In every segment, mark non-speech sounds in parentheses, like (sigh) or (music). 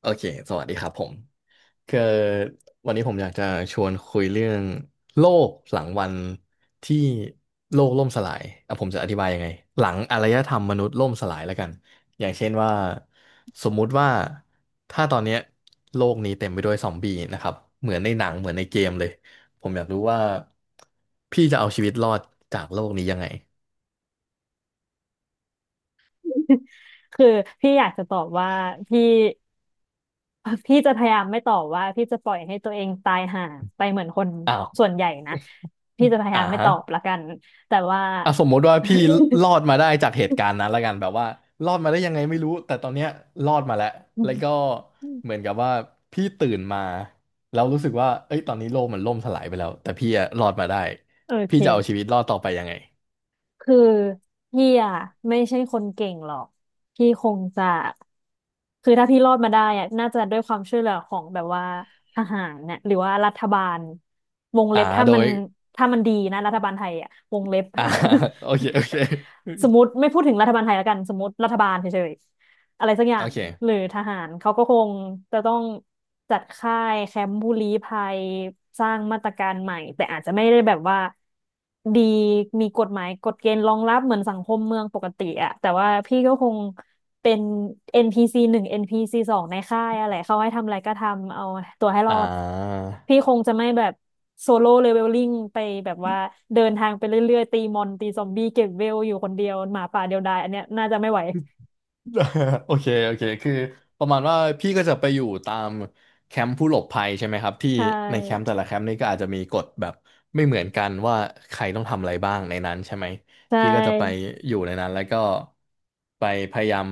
โอเค สวัสดีครับผมคือวันนี้ผมอยากจะชวนคุยเรื่องโลกหลังวันที่โลกล่มสลายผมจะอธิบายยังไงหลังอารยธรรมมนุษย์ล่มสลายแล้วกันอย่างเช่นว่าสมมุติว่าถ้าตอนเนี้ยโลกนี้เต็มไปด้วยซอมบี้นะครับเหมือนในหนังเหมือนในเกมเลย ผมอยากรู้ว่าพี่จะเอาชีวิตรอดจากโลกนี้ยังไง (laughs) คือพี่อยากจะตอบว่าพี่ (laughs) พี่จะพยายามไม่ตอบว่าพี่จะปล่อยให้ตัวเองตายห่าไปเหมือนคนอ้าวส่วนใหญ่นะพี่จะพยาอ่ายามไม่ตฮะ อบละกันแต่ว่า สมมติว่าพี่รอดมาได้จากเหตุการณ์นั้นและกันแบบว่ารอดมาได้ยังไงไม่รู้แต่ตอนเนี้ยรอดมาแล้วแล้วก็เหมือน (laughs) กับว่าพี่ตื่นมาแล้วรู้สึกว่าเอ้ยตอนนี้โลกมันล่มสลายไปแล้วแต่พี่อะรอดมาได้โอพี่จะเอาชีเค วิตรอดต่อไปยังไงคือพี่อ่ะไม่ใช่คนเก่งหรอกพี่คงจะคือถ้าพี่รอดมาได้อ่ะน่าจะด้วยความช่วยเหลือของแบบว่าทหารเนี่ยหรือว่ารัฐบาลวงเล็อ่าบถ้าโดมันยถ้ามันดีนะรัฐบาลไทยอ่ะวงเล็บ อ่า (laughs) โอเคโอเค (laughs) สมมติไม่พูดถึงรัฐบาลไทยแล้วกันสมมติรัฐบาลเฉยๆ อะไรสักอย่าโองเคหรือทหารเขาก็คงจะต้องจัดค่ายแคมป์ผู้ลี้ภัยสร้างมาตรการใหม่แต่อาจจะไม่ได้แบบว่าดีมีกฎหมายกฎเกณฑ์รองรับเหมือนสังคมเมืองปกติอะแต่ว่าพี่ก็คงเป็น NPC หนึ่ง NPC สองในค่ายอะไรเขาให้ทำอะไรก็ทำเอาตัวให้รอ่อดพี่า คงจะไม่แบบโซโล่เลเวลลิ่งไปแบบว่าเดินทางไปเรื่อยๆตีมอนตีซอมบี้เก็บเวลอยู่คนเดียวหมาป่าเดียวดายอันเนี้ยน่าจะไม่ไหว (laughs) โอเคโอเคคือประมาณว่าพี่ก็จะไปอยู่ตามแคมป์ผู้หลบภัยใช่ไหมครับที่ใชในแคมป์่ แต่ละแคมป์นี่ก็อาจจะมีกฎแบบไม่เหมือนกันว่าใครต้องทำอะไรบ้างในนั้นใช่ไหมใชพี่ก็จะไป่อยู่ในนั้นแล้วก็ไปพยายาม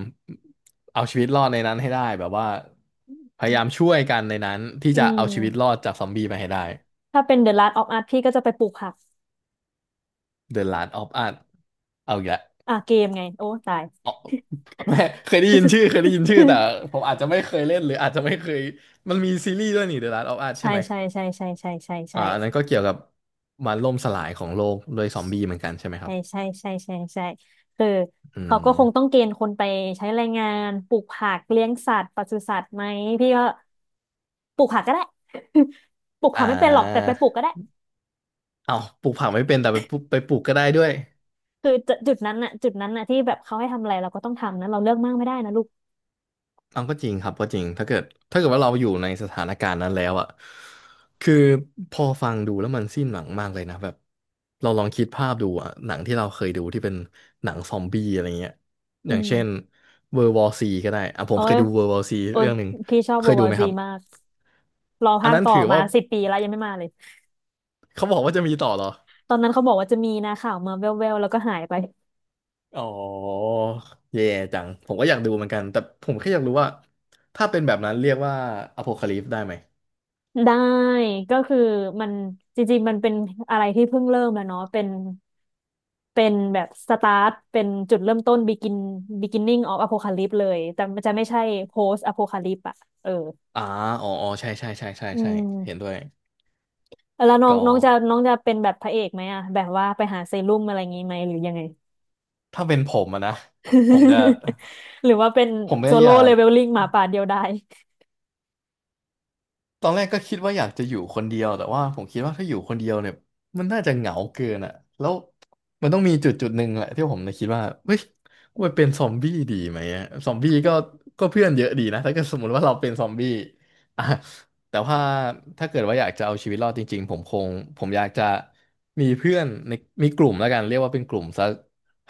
เอาชีวิตรอดในนั้นให้ได้แบบว่าพยายามช่วยกันในนั้นที่อืจะเอาชีวิตรอมดจากซอมบี้ไปให้ได้ ถ้าเป็น The Last of Us พี่ก็จะไปปลูกผัก The Last of Us เอาอีกแล้ว อ่ะเกมไง โอ้ตาย อ๋อ (laughs) ไม่เคยได้ยินชื่อเคยได้ยินชื่อแต่ผ (laughs) มอาจจะไม่เคยเล่นหรืออาจจะไม่เคยมันมีซีรีส์ด้วยนี่ The Last of Us ใช่ใช่ไหมใช่ใช่ใช่ใช่ใช่ใช่อันนั้นก็เกี่ยวกับมันล่มสลายของโลกด้วยซอมบี้เหมือนกันใช่ไหมครัใช่บใช่ใช่ใช่ใช่คืออืเขาก็คงต้อมงเกณฑ์คนไปใช้แรงงานปลูกผักเลี้ยงสัตว์ปศุสัตว์ไหมพี่ก็ปลูกผักก็ได้ (laughs) ปลูกอ่ผักไม่เป็นหรอกแต่ไปาปลูกก็ได้เอาปลูกผักไม่เป็นแต่ไปปลูกไปปลูกก็ได้ด้วย คือจุดนั้นน่ะจุดนั้นน่ะที่แบบเขาให้ทำอะไรเราก็ต้องทำนะเราเลือกมากไม่ได้นะลูกเอาก็จริงครับก็จริงถ้าเกิดถ้าเกิดว่าเราอยู่ในสถานการณ์นั้นแล้วอ่ะคือพอฟังดูแล้วมันสิ้นหวังมากเลยนะแบบเราลองคิดภาพดูอ่ะหนังที่เราเคยดูที่เป็นหนังซอมบี้อะไรเงี้ยออืย่างเช่น ม World War C ก็ได้อ่ะผโอ้มเคยยดู World War C โอ้ยเรื่องหนึ่งพี่ชอบเควายดูวาไหมซีครับมาก รออันภาคนั้นต่อถือมาว่า10 ปีแล้วยังไม่มาเลย เขาบอกว่าจะมีต่อเหรอตอนนั้นเขาบอกว่าจะมีนะข่าวมาแว่วๆแล้วก็หายไป อ๋อเย่จังผมก็อยากดูเหมือนกันแต่ผมแค่อยากรู้ว่าถ้าเป็นแบบนั้นเรียกว่าอโพคาลิปได้ไหมได้ ก็คือมันจริงๆมันเป็นอะไรที่เพิ่งเริ่มแล้วเนาะเป็นแบบสตาร์ท เป็นจุดเริ่มต้น begin beginning of apocalypse เลย แต่มันจะไม่ใช่ post apocalypse อะเอออ่าอ๋ออ๋อใช่ใช่ใช่ใช่อืใช่เห็นมด้วย แล้วน้องก็น้องจะน้องจะเป็นแบบพระเอกไหมอะ แบบว่าไปหาเซรุ่มอะไรอย่างงี้ไหมหรือยังไง ถ้าเป็นผมอะนะผมจะ (laughs) หรือว่าเป็นผมโซไม่อโล่ยาเลก เวลลิ่งหมาป่าเดียวดายตอนแรกก็คิดว่าอยากจะอยู่คนเดียวแต่ว่าผมคิดว่าถ้าอยู่คนเดียวเนี่ยมันน่าจะเหงาเกินอ่ะแล้วมันต้องมีจุดหนึ่งแหละที่ผมเลยคิดว่าเฮ้ยกูไปเป็นซอมบี้ดีไหมอะซอมบี้ก็เพื่อนเยอะดีนะถ้าเกิดสมมติว่าเราเป็นซอมบี้อ่ะแต่ว่าถ้าเกิดว่าอยากจะเอาชีวิตรอดจริงๆผมคงผมอยากจะมีเพื่อนในมีกลุ่มแล้วกันเรียกว่าเป็นกลุ่มสัก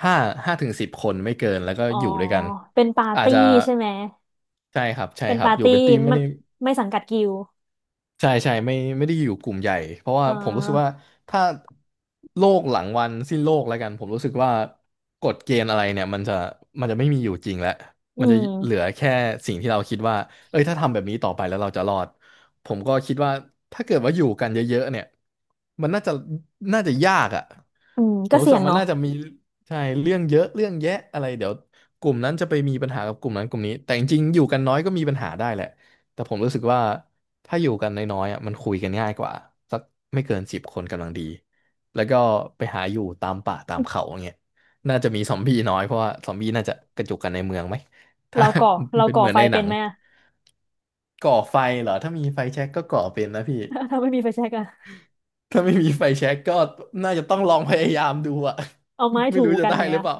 ห้าห้าถึงสิบคนไม่เกินแล้วก็อ๋อ อยู่ด้วยกันเป็นปาร์อาจตี้จะใช่ไหม ใช่ครับใช่เป็นครับปาร์อยู่ตี้เป็นทีมไม่ไม่ได้ ไม่สังกัดกิลด์ใช่ใช่ไม่ได้อยู่กลุ่มใหญ่เพราะว่าเอ่อผมรู้สึกว่าถ้าโลกหลังวันสิ้นโลกแล้วกันผมรู้สึกว่ากฎเกณฑ์อะไรเนี่ยมันจะไม่มีอยู่จริงแล้วอืมันจะมเหลือแค่สิ่งที่เราคิดว่าเอ้ยถ้าทำแบบนี้ต่อไปแล้วเราจะรอดผมก็คิดว่าถ้าเกิดว่าอยู่กันเยอะๆเนี่ยมันน่าจะยากอ่ะ อืมผก็มรู้เสี่สึกยงว่ามันเนาะน่าจะมีใช่เรื่องเยอะเรื่องแยะอะไรเดี๋ยวกลุ่มนั้นจะไปมีปัญหากับกลุ่มนั้นกลุ่มนี้แต่จริงๆอยู่กันน้อยก็มีปัญหาได้แหละแต่ผมรู้สึกว่าถ้าอยู่กันน้อยๆอ่ะมันคุยกันง่ายกว่าสักไม่เกินสิบคนกำลังดีแล้วก็ไปหาอยู่ตามป่าตามเขาอย่างเงี้ยน่าจะมีซอมบี้น้อยเพราะว่าซอมบี้น่าจะกระจุกกันในเมืองไหมถ้า เราก่อเรา (laughs) เป็นก่อเหมือนไฟในหนัเป็นงไหมอะ ก่อไฟเหรอถ้ามีไฟแช็กก็ก่อเป็นนะพี่ (laughs) ถ้าไม่มีไฟแช็กอะ ถ้าไม่มีไฟแช็กก็น่าจะต้องลองพยายามดูอะ เอาไม้ (laughs) ไม่ถูรู้จะกันได้เนี่หยรือเปล่า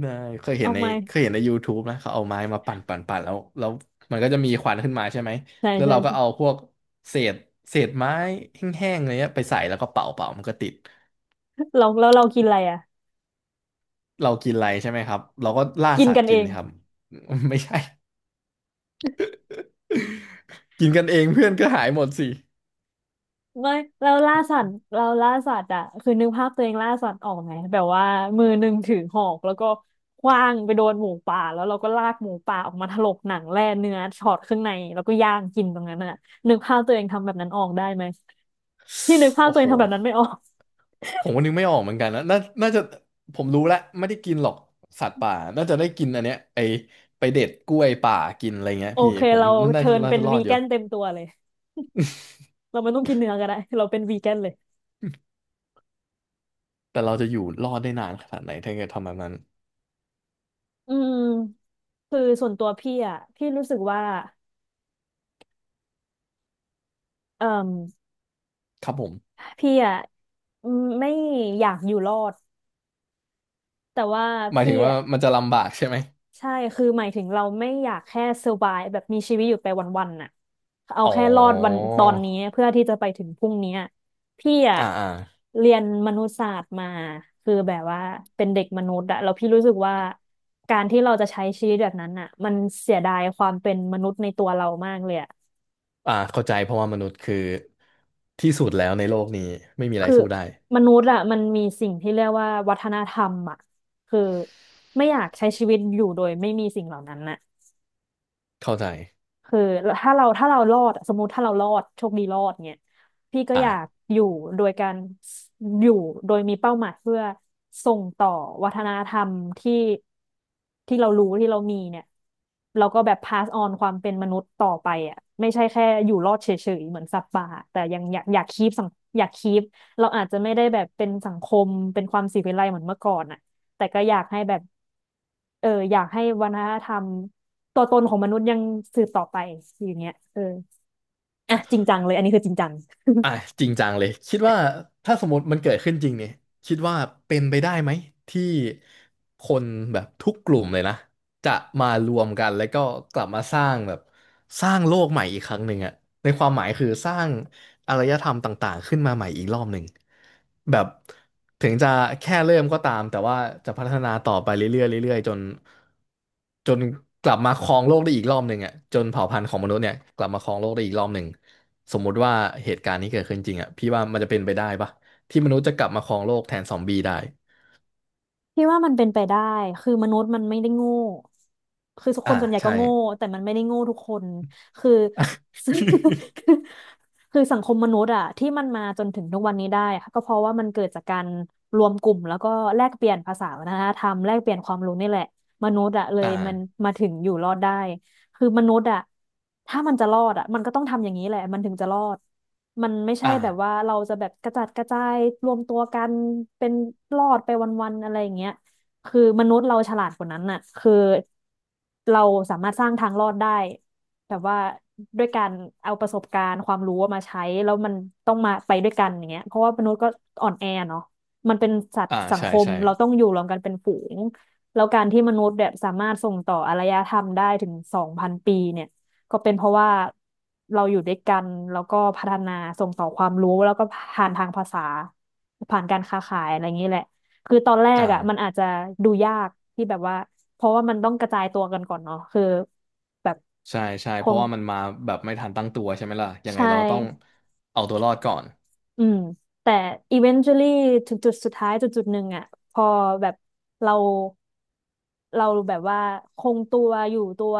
ได้เคยเห็เอานในไม้ YouTube นะเขาเอาไม้มาปั่นปั่นปั่นแล้วมันก็จะมีควันขึ้นมาใช่ไหมใช่แล้วใช่เราก็เอาใช่พวกเศษไม้แห้งๆอะไรเงี้ยไปใส่แล้วก็เป่าเป่ามันก็ติดเราแล้วเรากินอะไรอะ เรากินอะไรใช่ไหมครับเราก็ล่ากินสัตกัว์นเอกินง ครับ (laughs) ไม่ใช่ (laughs) กินกันเองเพื่อนก็หายหมดสิไม่เราล่าสัตว์เราล่าสัตว์อ่ะคือนึกภาพตัวเองล่าสัตว์ออกไหมแบบว่ามือหนึ่งถือหอกแล้วก็ขว้างไปโดนหมูป่าแล้วเราก็ลากหมูป่าออกมาถลกหนังแล่เนื้อช็อตข้างในแล้วก็ย่างกินตรงนั้นอ่ะนึกภาพตัวเองทำแบบนั้นออกได้ไหมที่นึกภาพโอ้ตัวเอโห งทำแบบนั้นไม่ออกผมก็นึกไม่ออกเหมือนกันนะน่าจะผมรู้แล้วไม่ได้กินหรอกสัตว์ป่าน่าจะได้กินอันเนี้ยไอไปเด็ดกล้วยป่ากินอะไรเงี้ยโอพี่เคผมเราเทิร์นน่าเป็นจะรอวีดอแกยู่นเต็มตัวเลยเราไม่ต้องกินเนื้อก็ได้เราเป็นวีแกนเลยแต่เราจะอยู่รอดได้นานขนาดไหนถ้าเกิดทำแบบนั้นอืมคือส่วนตัวพี่อ่ะพี่รู้สึกว่าเอ่มครับผมพี่อ่ะอืมไม่อยากอยู่รอด แต่ว่าหมายพี่ถึงว่าอะมันจะลำบากใช่ไหมใช่คือหมายถึงเราไม่อยากแค่ survive แบบมีชีวิตอยู่ไปวันๆน่ะเอาอ๋แค่รอดวันอตอนนี้เพื่อที่จะไปถึงพรุ่งนี้อะพี่อะอ่าอ่าเรียนมนุษยศาสตร์มาคือแบบว่าเป็นเด็กมนุษย์อะแล้วพี่รู้สึกว่าการที่เราจะใช้ชีวิตแบบนั้นอะมันเสียดายความเป็นมนุษย์ในตัวเรามากเลยอะอ่าเข้าใจเพราะว่ามนุษย์คือที่สุดแล้วในโลกนี้ไม่มีอะไรคือสู้ได้มนุษย์อะมันมีสิ่งที่เรียกว่าวัฒนธรรมอะคือไม่อยากใช้ชีวิตอยู่โดยไม่มีสิ่งเหล่านั้นน่ะ เข้าใจคือถ้าเรารอดอะสมมติถ้าเรารอดโชคดีรอดเนี่ยพี่ก็อยากอ่า อยู่โดยการอยู่โดยมีเป้าหมายเพื่อส่งต่อวัฒนธรรมที่ที่เรารู้ที่เรามีเนี่ยเราก็แบบ pass on ความเป็นมนุษย์ต่อไปอ่ะไม่ใช่แค่อยู่รอดเฉยๆเหมือนสัตว์ป่าแต่ยังอยากอยากคีปสังอยากคีปเราอาจจะไม่ได้แบบเป็นสังคมเป็นความสิวิไลเหมือนเมื่อก่อนอ่ะแต่ก็อยากให้แบบ เอออยากให้วัฒนธรรมตัวตนของมนุษย์ยังสืบต่อไปอย่างเงี้ยเอออ่ะจริงจังเลยอันนี้คือจริงจังอ่ะจริงจังเลยคิดว่าถ้าสมมติมันเกิดขึ้นจริงเนี่ยคิดว่าเป็นไปได้ไหมที่คนแบบทุกกลุ่มเลยนะจะมารวมกันแล้วก็กลับมาสร้างแบบสร้างโลกใหม่อีกครั้งหนึ่งอะในความหมายคือสร้าง อารยธรรมต่างๆขึ้นมาใหม่อีกรอบหนึ่งแบบถึงจะแค่เริ่มก็ตามแต่ว่าจะพัฒนาต่อไปเรื่อยๆเรื่อยๆจนกลับมาครองโลกได้อีกรอบหนึ่งอ่ะจนเผ่าพันธุ์ของมนุษย์เนี่ยกลับมาครองโลกได้อีกรอบหนึ่งสมมุติว่าเหตุการณ์นี้เกิดขึ้นจริงอ่ะพี่ว่ามันจะเป็นไปได้ปะที่มนุษย์จะกลับมาครองโลกแทนซอมบี้ได้พี่ว่ามันเป็นไปได้คือมนุษย์มันไม่ได้โง่คือคอ่านส่วนใหญ่ก็ใช่ โง่แต่มันไม่ได้โง่ทุกคนคือ (laughs) (laughs) คือสังคมมนุษย์อะที่มันมาจนถึงทุกวันนี้ได้ค่ะก็เพราะว่ามันเกิดจากการรวมกลุ่มแล้วก็แลกเปลี่ยนภาษาวัฒนธรรมแลกเปลี่ยนความรู้นี่แหละมนุษย์อะเลยมันอ่ามาถึงอยู่รอดได้ คือมนุษย์อะถ้ามันจะรอดอะมันต้องทำอย่างนี้แหละมันถึงจะรอดมันไม่ใช่อ่าแบบว่าเราจะแบบกระจัดกระจายรวมตัวกันเป็นรอดไปวันๆอะไรอย่างเงี้ยคือมนุษย์เราฉลาดกว่านั้นน่ะคือเราสามารถสร้างทางรอดได้แบบว่าด้วยการเอาประสบการณ์ความรู้มาใช้แล้วมันต้องมาไปด้วยกันอย่างเงี้ยเพราะว่ามนุษย์ก็อ่อนแอเนาะมันเป็นสัตอ่าว์สังใช่คมใช่เราต้องอยู่รวมกันเป็นฝูง แล้วการที่มนุษย์แบบสามารถส่งต่ออารยธรรมได้ถึง2,000 ปีเนี่ยก็เป็นเพราะว่าเราอยู่ด้วยกันแล้วก็พัฒนาส่งต่อความรู้แล้วก็ผ่านทางภาษาผ่านการค้าขายอะไรอย่างนี้แหละคือตอนแรกอ่ะมันอ่า อาจจะดูยากที่แบบว่าเพราะว่ามันต้องกระจายตัวกันก่อนเนาะคือแบบใช่ใช่คเพราะงว่ามันมาแบบไม่ทันตั้งตัวใช่ไหมล่ะยังไงใช่ เราก็ต้องเอาตัวรอดก่อน อืมแต่ eventually ถึงจุดสุดท้ายจุดหนึ่งอ่ะพอแบบเราเราแบบว่าคงตัวอยู่ตัว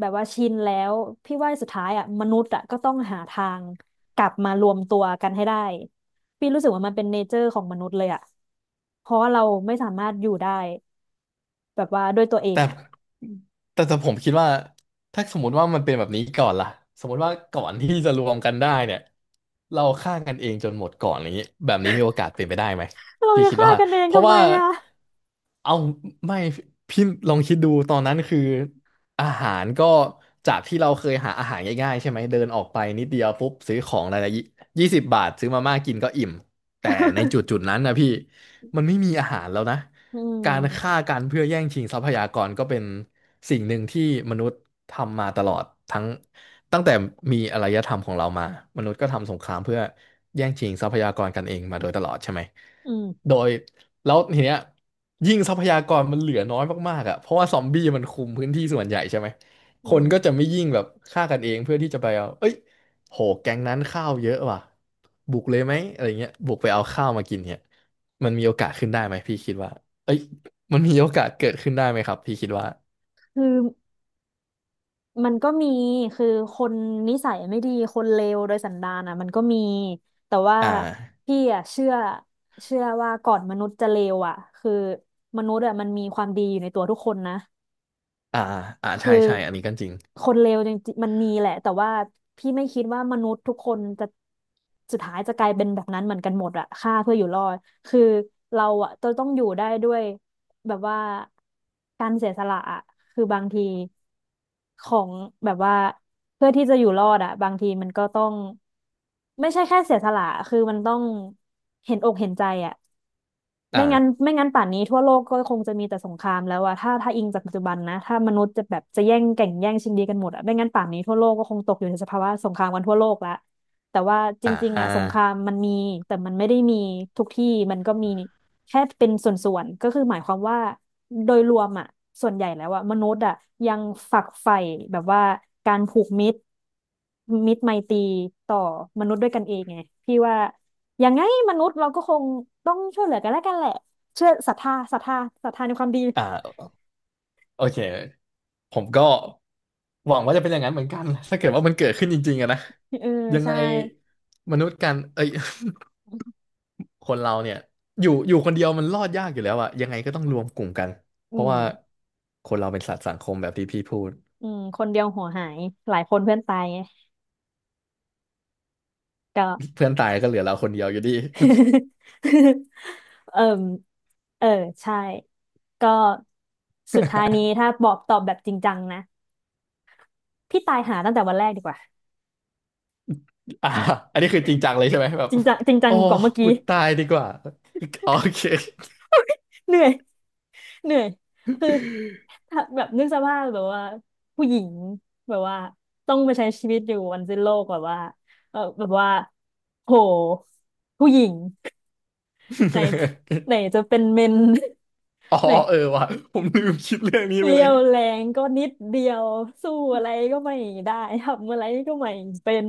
แบบว่าชินแล้วพี่ว่าสุดท้ายอ่ะมนุษย์อ่ะก็ต้องหาทางกลับมารวมตัวกันให้ได้พี่รู้สึกว่ามันเป็นเนเจอร์ของมนุษย์เลยอ่ะเพราะว่าเราไม่สามารถอยู่ได้แบบว่าด้วยตัวเองแต่อ่ะแต่ผมคิดว่าถ้าสมมติว่ามันเป็นแบบนี้ก่อนล่ะสมมติว่าก่อนที่จะรวมกันได้เนี่ยเราฆ่ากันเองจนหมดก่อนอย่างนี้แบบนี้มีโอกาสเป็นไปได้ไหมเราพี่จะคิดฆ่าว่ากันเองเพราะทำไมว่าอ่ะ เอาไม่พี่ลองคิดดูตอนนั้นคืออาหารก็จากที่เราเคยหาอาหารง่ายๆใช่ไหมเดินออกไปนิดเดียวปุ๊บซื้อของอะไรละ20 บาทซื้อมาม่ากินก็อิ่มแต่ในจุดนั้นนะพี่มันไม่มีอาหารแล้วนะ (laughs) อืการมฆ่ากันเพื่อแย่งชิงทรัพยากรก็เป็นสิ่งหนึ่งที่มนุษย์ทำมาตลอดทั้งตั้งแต่มีอารยธรรมของเรามามนุษย์ก็ทำสงครามเพื่อแย่งชิงทรัพยากรกันเองมาโดยตลอดใช่ไหมอืโดมยแล้วทีเนี้ยยิ่งทรัพยากรมันเหลือน้อยมากๆอ่ะเพราะว่าซอมบี้มันคุมพื้นที่ส่วนใหญ่ใช่ไหมอืคนก็จะมไม่ยิ่งแบบฆ่ากันเองเพื่อที่จะไปเอาเอ้ยโหแก๊งนั้นข้าวเยอะว่ะบุกเลยไหมอะไรเงี้ยบุกไปเอาข้าวมากินเนี่ยมันมีโอกาสขึ้นได้ไหมพี่คิดว่า เอ้ยมันมีโอกาสเกิดขึ้นได้ไหมครับพี่คิดว่าคือ มันก็มีคือคนนิสัยไม่ดี คนเลวโดยสันดานอ่ะมันก็มี แต่ว่าอ่าพี่อ่ะเชื่อว่าก่อนมนุษย์จะเลวอ่ะคือมนุษย์อ่ะมันมีความดีอยู่ในตัวทุกคนนะ อ่าคืใช่อใช่อันนี้ก็จริงคนเลวจริงๆมันมีแหละแต่ว่าพี่ไม่คิดว่ามนุษย์ทุกคนจะสุดท้ายจะกลายเป็นแบบนั้นเหมือนกันหมดอะฆ่าเพื่ออยู่รอดคือเราอะจะต้องอยู่ได้ด้วยแบบว่าการเสียสละอะคือบางทีของแบบว่าเพื่อที่จะอยู่รอดอะบางทีมันก็ต้องไม่ใช่แค่เสียสละคือมันต้องเห็นอกเห็นใจอะ ไม่อ่างั้นไม่งั้นป่านนี้ทั่วโลกก็คงจะมีแต่สงครามแล้วอะถ้าอิงจากปัจจุบันนะถ้ามนุษย์จะแบบจะแย่งแก่งแย่งชิงดีกันหมดอะไม่งั้นป่านนี้ทั่วโลกก็คงตกอยู่ในสภาวะสงครามกันทั่วโลกละแต่ว่าจอ่าริงๆอ่าอะสงครามมันมีแต่มันไม่ได้มีทุกที่มันก็มีแค่เป็นส่วนๆก็คือหมายความว่าโดยรวมอะส่วนใหญ่แล้วอะมนุษย์อะยังฝักใฝ่แบบว่าการผูกมิตรมิตรไมตรีต่อมนุษย์ด้วยกันเองไงพี่ว่า ยังไงมนุษย์เราก็คงต้องช่วยเหลือกันแล้วกันแหละเชื่อศรัทธาในความดีอ่าโอเคผมก็หวังว่าจะเป็นอย่างนั้นเหมือนกันถ้าเกิดว่ามันเกิดขึ้นจริงๆอะนะเออยังใช่ไงมนุษย์กันเอ้ย (laughs) คนเราเนี่ยอยู่คนเดียวมันรอดยากอยู่แล้วอะยังไงก็ต้องรวมกลุ่มกัน เพอืราะมว่าคนเราเป็นสัตว์สังคมแบบที่พี่พูด อืมคนเดียวหัวหายหลายคนเพื่อนตายไงก็ เพื่อนตายก็เหลือเราคนเดียวอยู่ดี (laughs) เออเออใช่ก็สุดท้ายนี้ถ้าบอกตอบแบบจริงจังนะพี่ตายหาตั้งแต่วันแรกดีกว่าอ่าอันนี้คือจริงจังเลยใช่ไหมแบบจริงจังจริงจัโอ้งกว่าเมื่อกูกี้ตายดีกว่าโอเค เหนื่อย เหนื่อยคือถ้าแบบนึกสภาพแบบว่าผู้หญิงแบบว่าต้องไปใช้ชีวิตอยู่วันสิ้นโลกแบบว่าเออแบบว่าโหผู้หญิง (laughs) ไหน (laughs) ไหนจะเป็นเมน อ๋อ (laughs) ไหนเออว่ะผมลืมคิดเรื่องนี้ไปเรีเลยย วแรงก็นิดเดียวสู้อะไรก็ไม่ได้ทำอะไรก็ไม่เป็น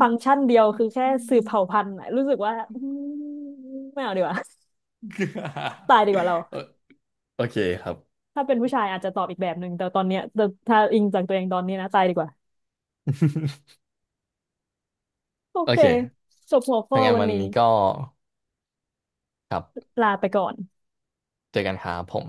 ฟังก์ชันเดียวคือแค่สืบเผ่าพันธุ์อะรู้สึกว่าอืมไม่เอาดีกว่าตายดีกว่าเรา (laughs) โอโอเคครับ ถ้าเป็นผู้ชายอาจจะตอบอีกแบบหนึ่งแต่ตอนเนี้ยแต่ถ้าอิงจากตัวเองตอนนี้นะตายดีกว่า (laughs) โอโอเคเคจบหัวข้ถ้าองั้นวันวันนี้นี้ก็ครับลาไปก่อนเจอกันครับผม